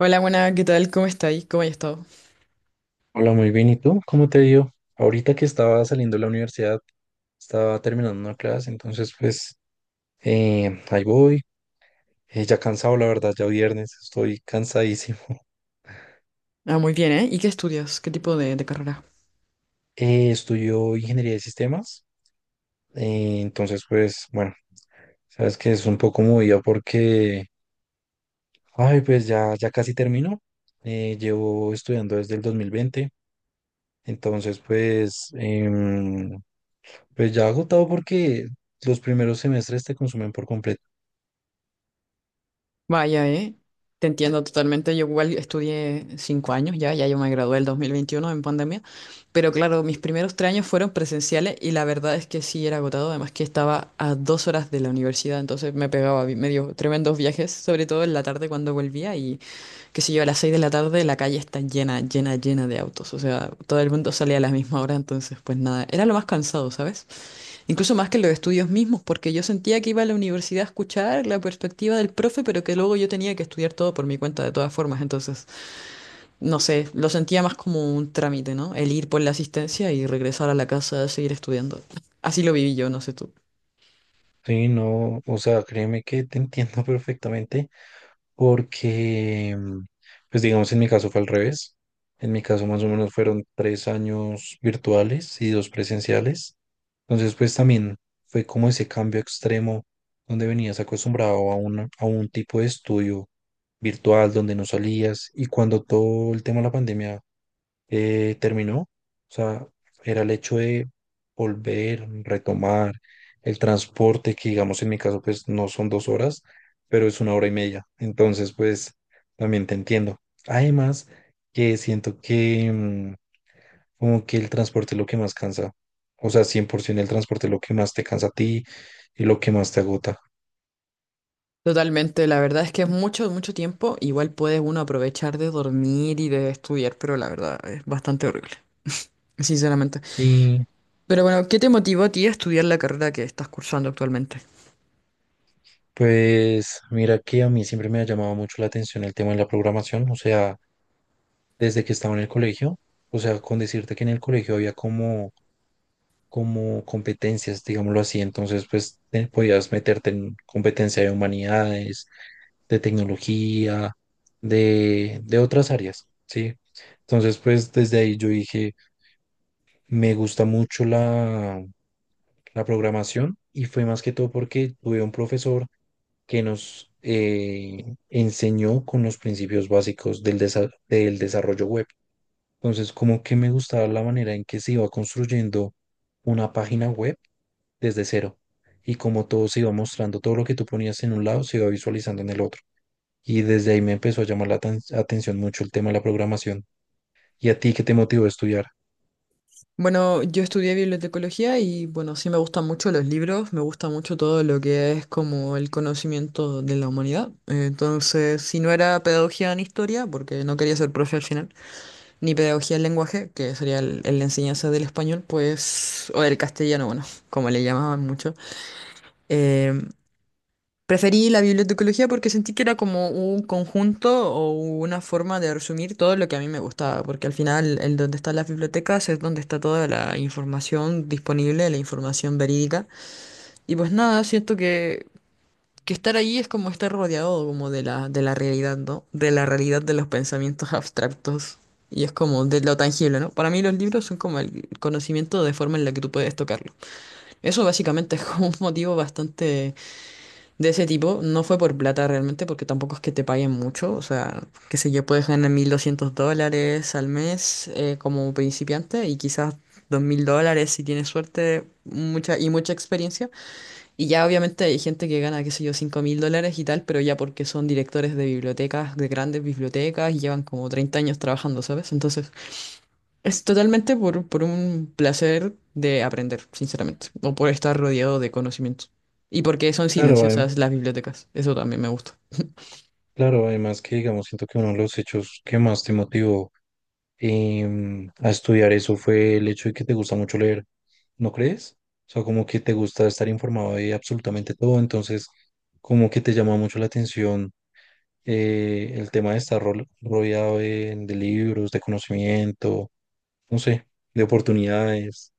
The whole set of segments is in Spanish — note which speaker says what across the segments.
Speaker 1: Hola, buena, ¿qué tal? ¿Cómo estáis? ¿Cómo has estado?
Speaker 2: Hola, muy bien. ¿Y tú? ¿Cómo te dio? Ahorita que estaba saliendo de la universidad, estaba terminando una clase, entonces pues ahí voy. Ya cansado, la verdad, ya viernes, estoy cansadísimo.
Speaker 1: Ah, muy bien, ¿eh? ¿Y qué estudias? ¿Qué tipo de carrera?
Speaker 2: Estudio ingeniería de sistemas, entonces pues bueno, sabes que es un poco movida porque, ay, pues ya casi termino. Llevo estudiando desde el 2020, entonces pues ya agotado porque los primeros semestres te consumen por completo.
Speaker 1: Vaya, ¿eh? Te entiendo totalmente. Yo igual estudié 5 años ya yo me gradué el 2021 en pandemia, pero claro, mis primeros 3 años fueron presenciales y la verdad es que sí era agotado, además que estaba a 2 horas de la universidad, entonces me pegaba medio tremendos viajes, sobre todo en la tarde cuando volvía y qué sé yo, a las 6 de la tarde la calle está llena, llena, llena de autos. O sea, todo el mundo salía a la misma hora, entonces pues nada, era lo más cansado, ¿sabes? Incluso más que los estudios mismos, porque yo sentía que iba a la universidad a escuchar la perspectiva del profe, pero que luego yo tenía que estudiar todo por mi cuenta de todas formas. Entonces, no sé, lo sentía más como un trámite, ¿no? El ir por la asistencia y regresar a la casa a seguir estudiando. Así lo viví yo, no sé tú.
Speaker 2: Sí, no, o sea, créeme que te entiendo perfectamente porque, pues digamos, en mi caso fue al revés. En mi caso más o menos fueron 3 años virtuales y 2 presenciales. Entonces, pues también fue como ese cambio extremo donde venías acostumbrado a un tipo de estudio virtual donde no salías, y cuando todo el tema de la pandemia terminó. O sea, era el hecho de volver, retomar el transporte, que digamos, en mi caso, pues no son 2 horas, pero es 1 hora y media. Entonces, pues también te entiendo. Además, que siento que como que el transporte es lo que más cansa. O sea, 100% el transporte es lo que más te cansa a ti y lo que más te agota.
Speaker 1: Totalmente, la verdad es que es mucho, mucho tiempo. Igual puede uno aprovechar de dormir y de estudiar, pero la verdad es bastante horrible, sinceramente.
Speaker 2: Sí.
Speaker 1: Pero bueno, ¿qué te motivó a ti a estudiar la carrera que estás cursando actualmente?
Speaker 2: Pues mira que a mí siempre me ha llamado mucho la atención el tema de la programación, o sea, desde que estaba en el colegio. O sea, con decirte que en el colegio había como competencias, digámoslo así. Entonces pues podías meterte en competencia de humanidades, de tecnología, de otras áreas, ¿sí? Entonces pues desde ahí yo dije, me gusta mucho la programación, y fue más que todo porque tuve un profesor que nos enseñó con los principios básicos del desarrollo web. Entonces, como que me gustaba la manera en que se iba construyendo una página web desde cero, y como todo se iba mostrando, todo lo que tú ponías en un lado se iba visualizando en el otro. Y desde ahí me empezó a llamar la atención mucho el tema de la programación. ¿Y a ti qué te motivó a estudiar?
Speaker 1: Bueno, yo estudié bibliotecología y bueno, sí me gustan mucho los libros, me gusta mucho todo lo que es como el conocimiento de la humanidad. Entonces, si no era pedagogía en historia, porque no quería ser profe al final, ni pedagogía en lenguaje, que sería la enseñanza del español, pues, o del castellano, bueno, como le llamaban mucho. eh, Preferí la bibliotecología porque sentí que era como un conjunto o una forma de resumir todo lo que a mí me gustaba, porque al final el donde están las bibliotecas es donde está toda la información disponible, la información verídica. Y pues nada, que estar ahí es como estar rodeado como de la realidad, ¿no? De la realidad de los pensamientos abstractos. Y es como de lo tangible, ¿no? Para mí los libros son como el conocimiento de forma en la que tú puedes tocarlo. Eso básicamente es como un motivo bastante de ese tipo. No fue por plata realmente, porque tampoco es que te paguen mucho. O sea, qué sé yo, puedes ganar $1200 al mes como principiante y quizás $2000 si tienes suerte mucha, y mucha experiencia. Y ya obviamente hay gente que gana, qué sé yo, $5000 y tal, pero ya porque son directores de bibliotecas, de grandes bibliotecas y llevan como 30 años trabajando, ¿sabes? Entonces... Es totalmente por un placer de aprender, sinceramente, o por estar rodeado de conocimientos. Y porque son
Speaker 2: Claro, adem-
Speaker 1: silenciosas las bibliotecas, eso también me gusta.
Speaker 2: claro, además que digamos, siento que uno de los hechos que más te motivó, a estudiar eso, fue el hecho de que te gusta mucho leer, ¿no crees? O sea, como que te gusta estar informado de absolutamente todo, entonces como que te llama mucho la atención el tema de estar rodeado de libros, de conocimiento, no sé, de oportunidades.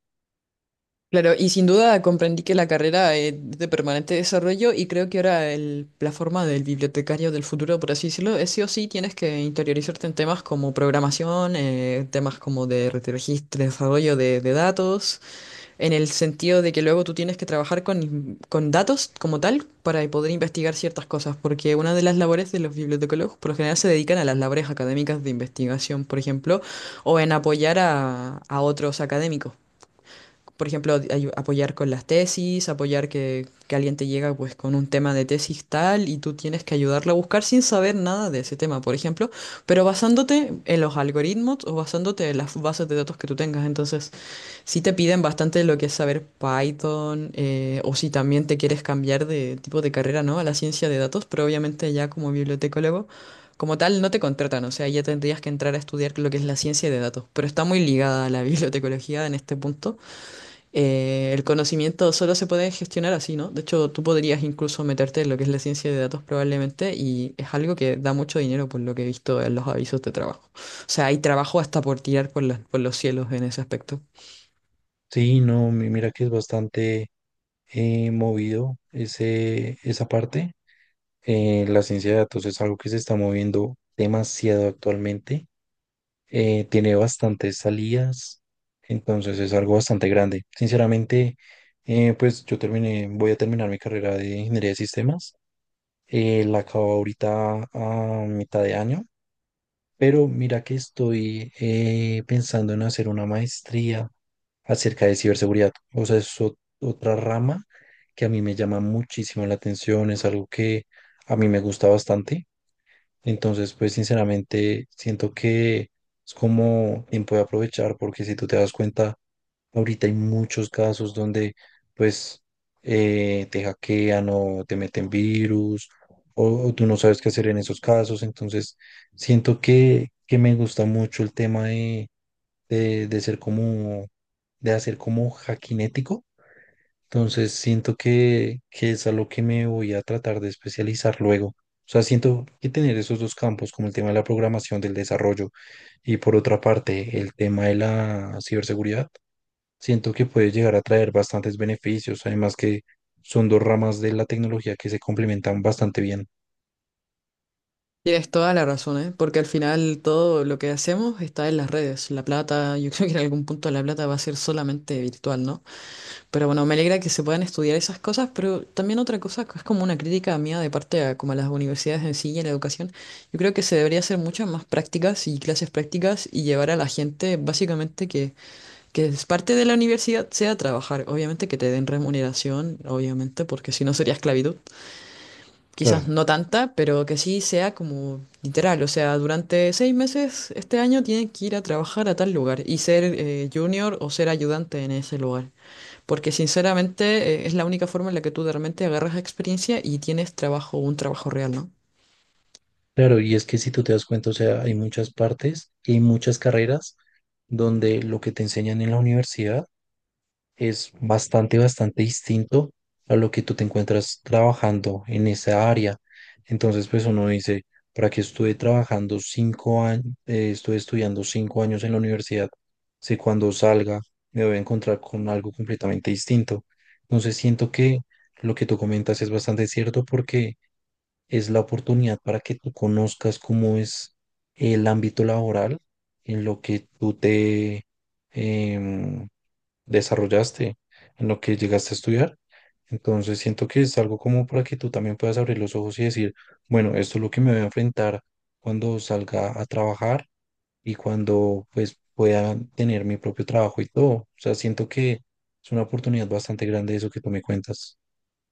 Speaker 1: Claro, y sin duda comprendí que la carrera es de permanente desarrollo y creo que ahora la forma del bibliotecario del futuro, por así decirlo, es sí o sí tienes que interiorizarte en temas como programación, temas como de registro, desarrollo de datos. En el sentido de que luego tú tienes que trabajar con datos como tal para poder investigar ciertas cosas, porque una de las labores de los bibliotecólogos por lo general se dedican a las labores académicas de investigación, por ejemplo, o en apoyar a otros académicos. Por ejemplo, apoyar con las tesis, apoyar que alguien te llega pues con un tema de tesis tal y tú tienes que ayudarle a buscar sin saber nada de ese tema, por ejemplo, pero basándote en los algoritmos o basándote en las bases de datos que tú tengas. Entonces, si te piden bastante lo que es saber Python o si también te quieres cambiar de tipo de carrera, ¿no? A la ciencia de datos, pero obviamente ya como bibliotecólogo, como tal, no te contratan, o sea, ya tendrías que entrar a estudiar lo que es la ciencia de datos, pero está muy ligada a la bibliotecología en este punto. El conocimiento solo se puede gestionar así, ¿no? De hecho, tú podrías incluso meterte en lo que es la ciencia de datos probablemente y es algo que da mucho dinero por lo que he visto en los avisos de trabajo. O sea, hay trabajo hasta por tirar por por los cielos en ese aspecto.
Speaker 2: Sí, no, mira que es bastante, movido esa parte. La ciencia de datos es algo que se está moviendo demasiado actualmente, tiene bastantes salidas, entonces es algo bastante grande. Sinceramente, pues voy a terminar mi carrera de ingeniería de sistemas. La acabo ahorita a mitad de año, pero mira que estoy pensando en hacer una maestría acerca de ciberseguridad. O sea, es otra rama que a mí me llama muchísimo la atención, es algo que a mí me gusta bastante. Entonces, pues sinceramente siento que es como tiempo de aprovechar, porque si tú te das cuenta, ahorita hay muchos casos donde pues te hackean o te meten virus, o tú no sabes qué hacer en esos casos. Entonces, siento que me gusta mucho el tema de de hacer como hackinético, entonces siento que es a lo que me voy a tratar de especializar luego. O sea, siento que tener esos dos campos, como el tema de la programación del desarrollo, y por otra parte el tema de la ciberseguridad, siento que puede llegar a traer bastantes beneficios, además que son dos ramas de la tecnología que se complementan bastante bien.
Speaker 1: Tienes toda la razón, ¿eh? Porque al final todo lo que hacemos está en las redes. La plata, yo creo que en algún punto la plata va a ser solamente virtual, ¿no? Pero bueno, me alegra que se puedan estudiar esas cosas, pero también otra cosa que es como una crítica mía de parte a como a las universidades en sí y a la educación. Yo creo que se debería hacer muchas más prácticas y clases prácticas y llevar a la gente básicamente que es parte de la universidad sea trabajar. Obviamente que te den remuneración, obviamente, porque si no sería esclavitud
Speaker 2: Claro,
Speaker 1: quizás no tanta, pero que sí sea como literal. O sea, durante 6 meses este año tienen que ir a trabajar a tal lugar y ser junior o ser ayudante en ese lugar. Porque sinceramente es la única forma en la que tú realmente agarras experiencia y tienes trabajo, un trabajo real, ¿no?
Speaker 2: claro, y es que si tú te das cuenta, o sea, hay muchas partes y hay muchas carreras donde lo que te enseñan en la universidad es bastante, bastante distinto a lo que tú te encuentras trabajando en esa área. Entonces, pues uno dice, ¿para qué estuve estudiando 5 años en la universidad? Si cuando salga me voy a encontrar con algo completamente distinto. Entonces, siento que lo que tú comentas es bastante cierto porque es la oportunidad para que tú conozcas cómo es el ámbito laboral en lo que tú te... em, desarrollaste, en lo que llegaste a estudiar. Entonces siento que es algo como para que tú también puedas abrir los ojos y decir, bueno, esto es lo que me voy a enfrentar cuando salga a trabajar, y cuando pues pueda tener mi propio trabajo y todo. O sea, siento que es una oportunidad bastante grande eso que tú me cuentas.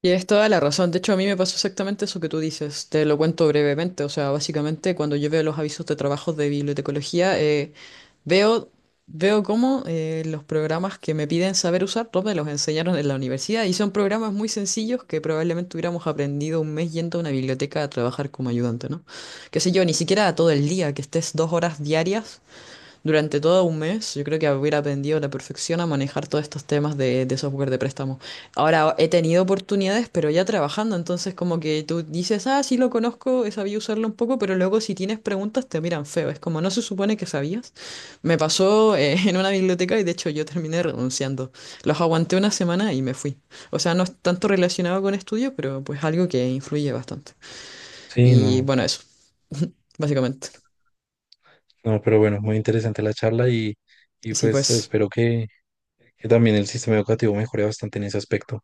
Speaker 1: Tienes toda la razón. De hecho, a mí me pasó exactamente eso que tú dices. Te lo cuento brevemente. O sea, básicamente cuando yo veo los avisos de trabajos de bibliotecología, veo, veo cómo los programas que me piden saber usar, todos me los enseñaron en la universidad y son programas muy sencillos que probablemente hubiéramos aprendido un mes yendo a una biblioteca a trabajar como ayudante, ¿no? Qué sé yo, ni siquiera todo el día, que estés 2 horas diarias durante todo un mes, yo creo que hubiera aprendido a la perfección a manejar todos estos temas de software de préstamo. Ahora he tenido oportunidades, pero ya trabajando, entonces como que tú dices, ah, sí lo conozco, he sabido usarlo un poco, pero luego si tienes preguntas te miran feo, es como no se supone que sabías. Me pasó en una biblioteca y de hecho yo terminé renunciando. Los aguanté una semana y me fui. O sea, no es tanto relacionado con estudio, pero pues algo que influye bastante.
Speaker 2: Sí,
Speaker 1: Y
Speaker 2: no,
Speaker 1: bueno, eso, básicamente.
Speaker 2: no, pero bueno, muy interesante la charla, y
Speaker 1: Sí,
Speaker 2: pues
Speaker 1: pues.
Speaker 2: espero que también el sistema educativo mejore bastante en ese aspecto.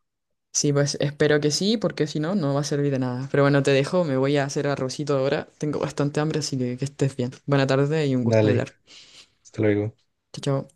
Speaker 1: Sí, pues espero que sí, porque si no, no va a servir de nada. Pero bueno, te dejo, me voy a hacer arrocito ahora. Tengo bastante hambre, así que estés bien. Buena tarde y un gusto
Speaker 2: Dale,
Speaker 1: hablar.
Speaker 2: hasta luego.
Speaker 1: Chao, chao.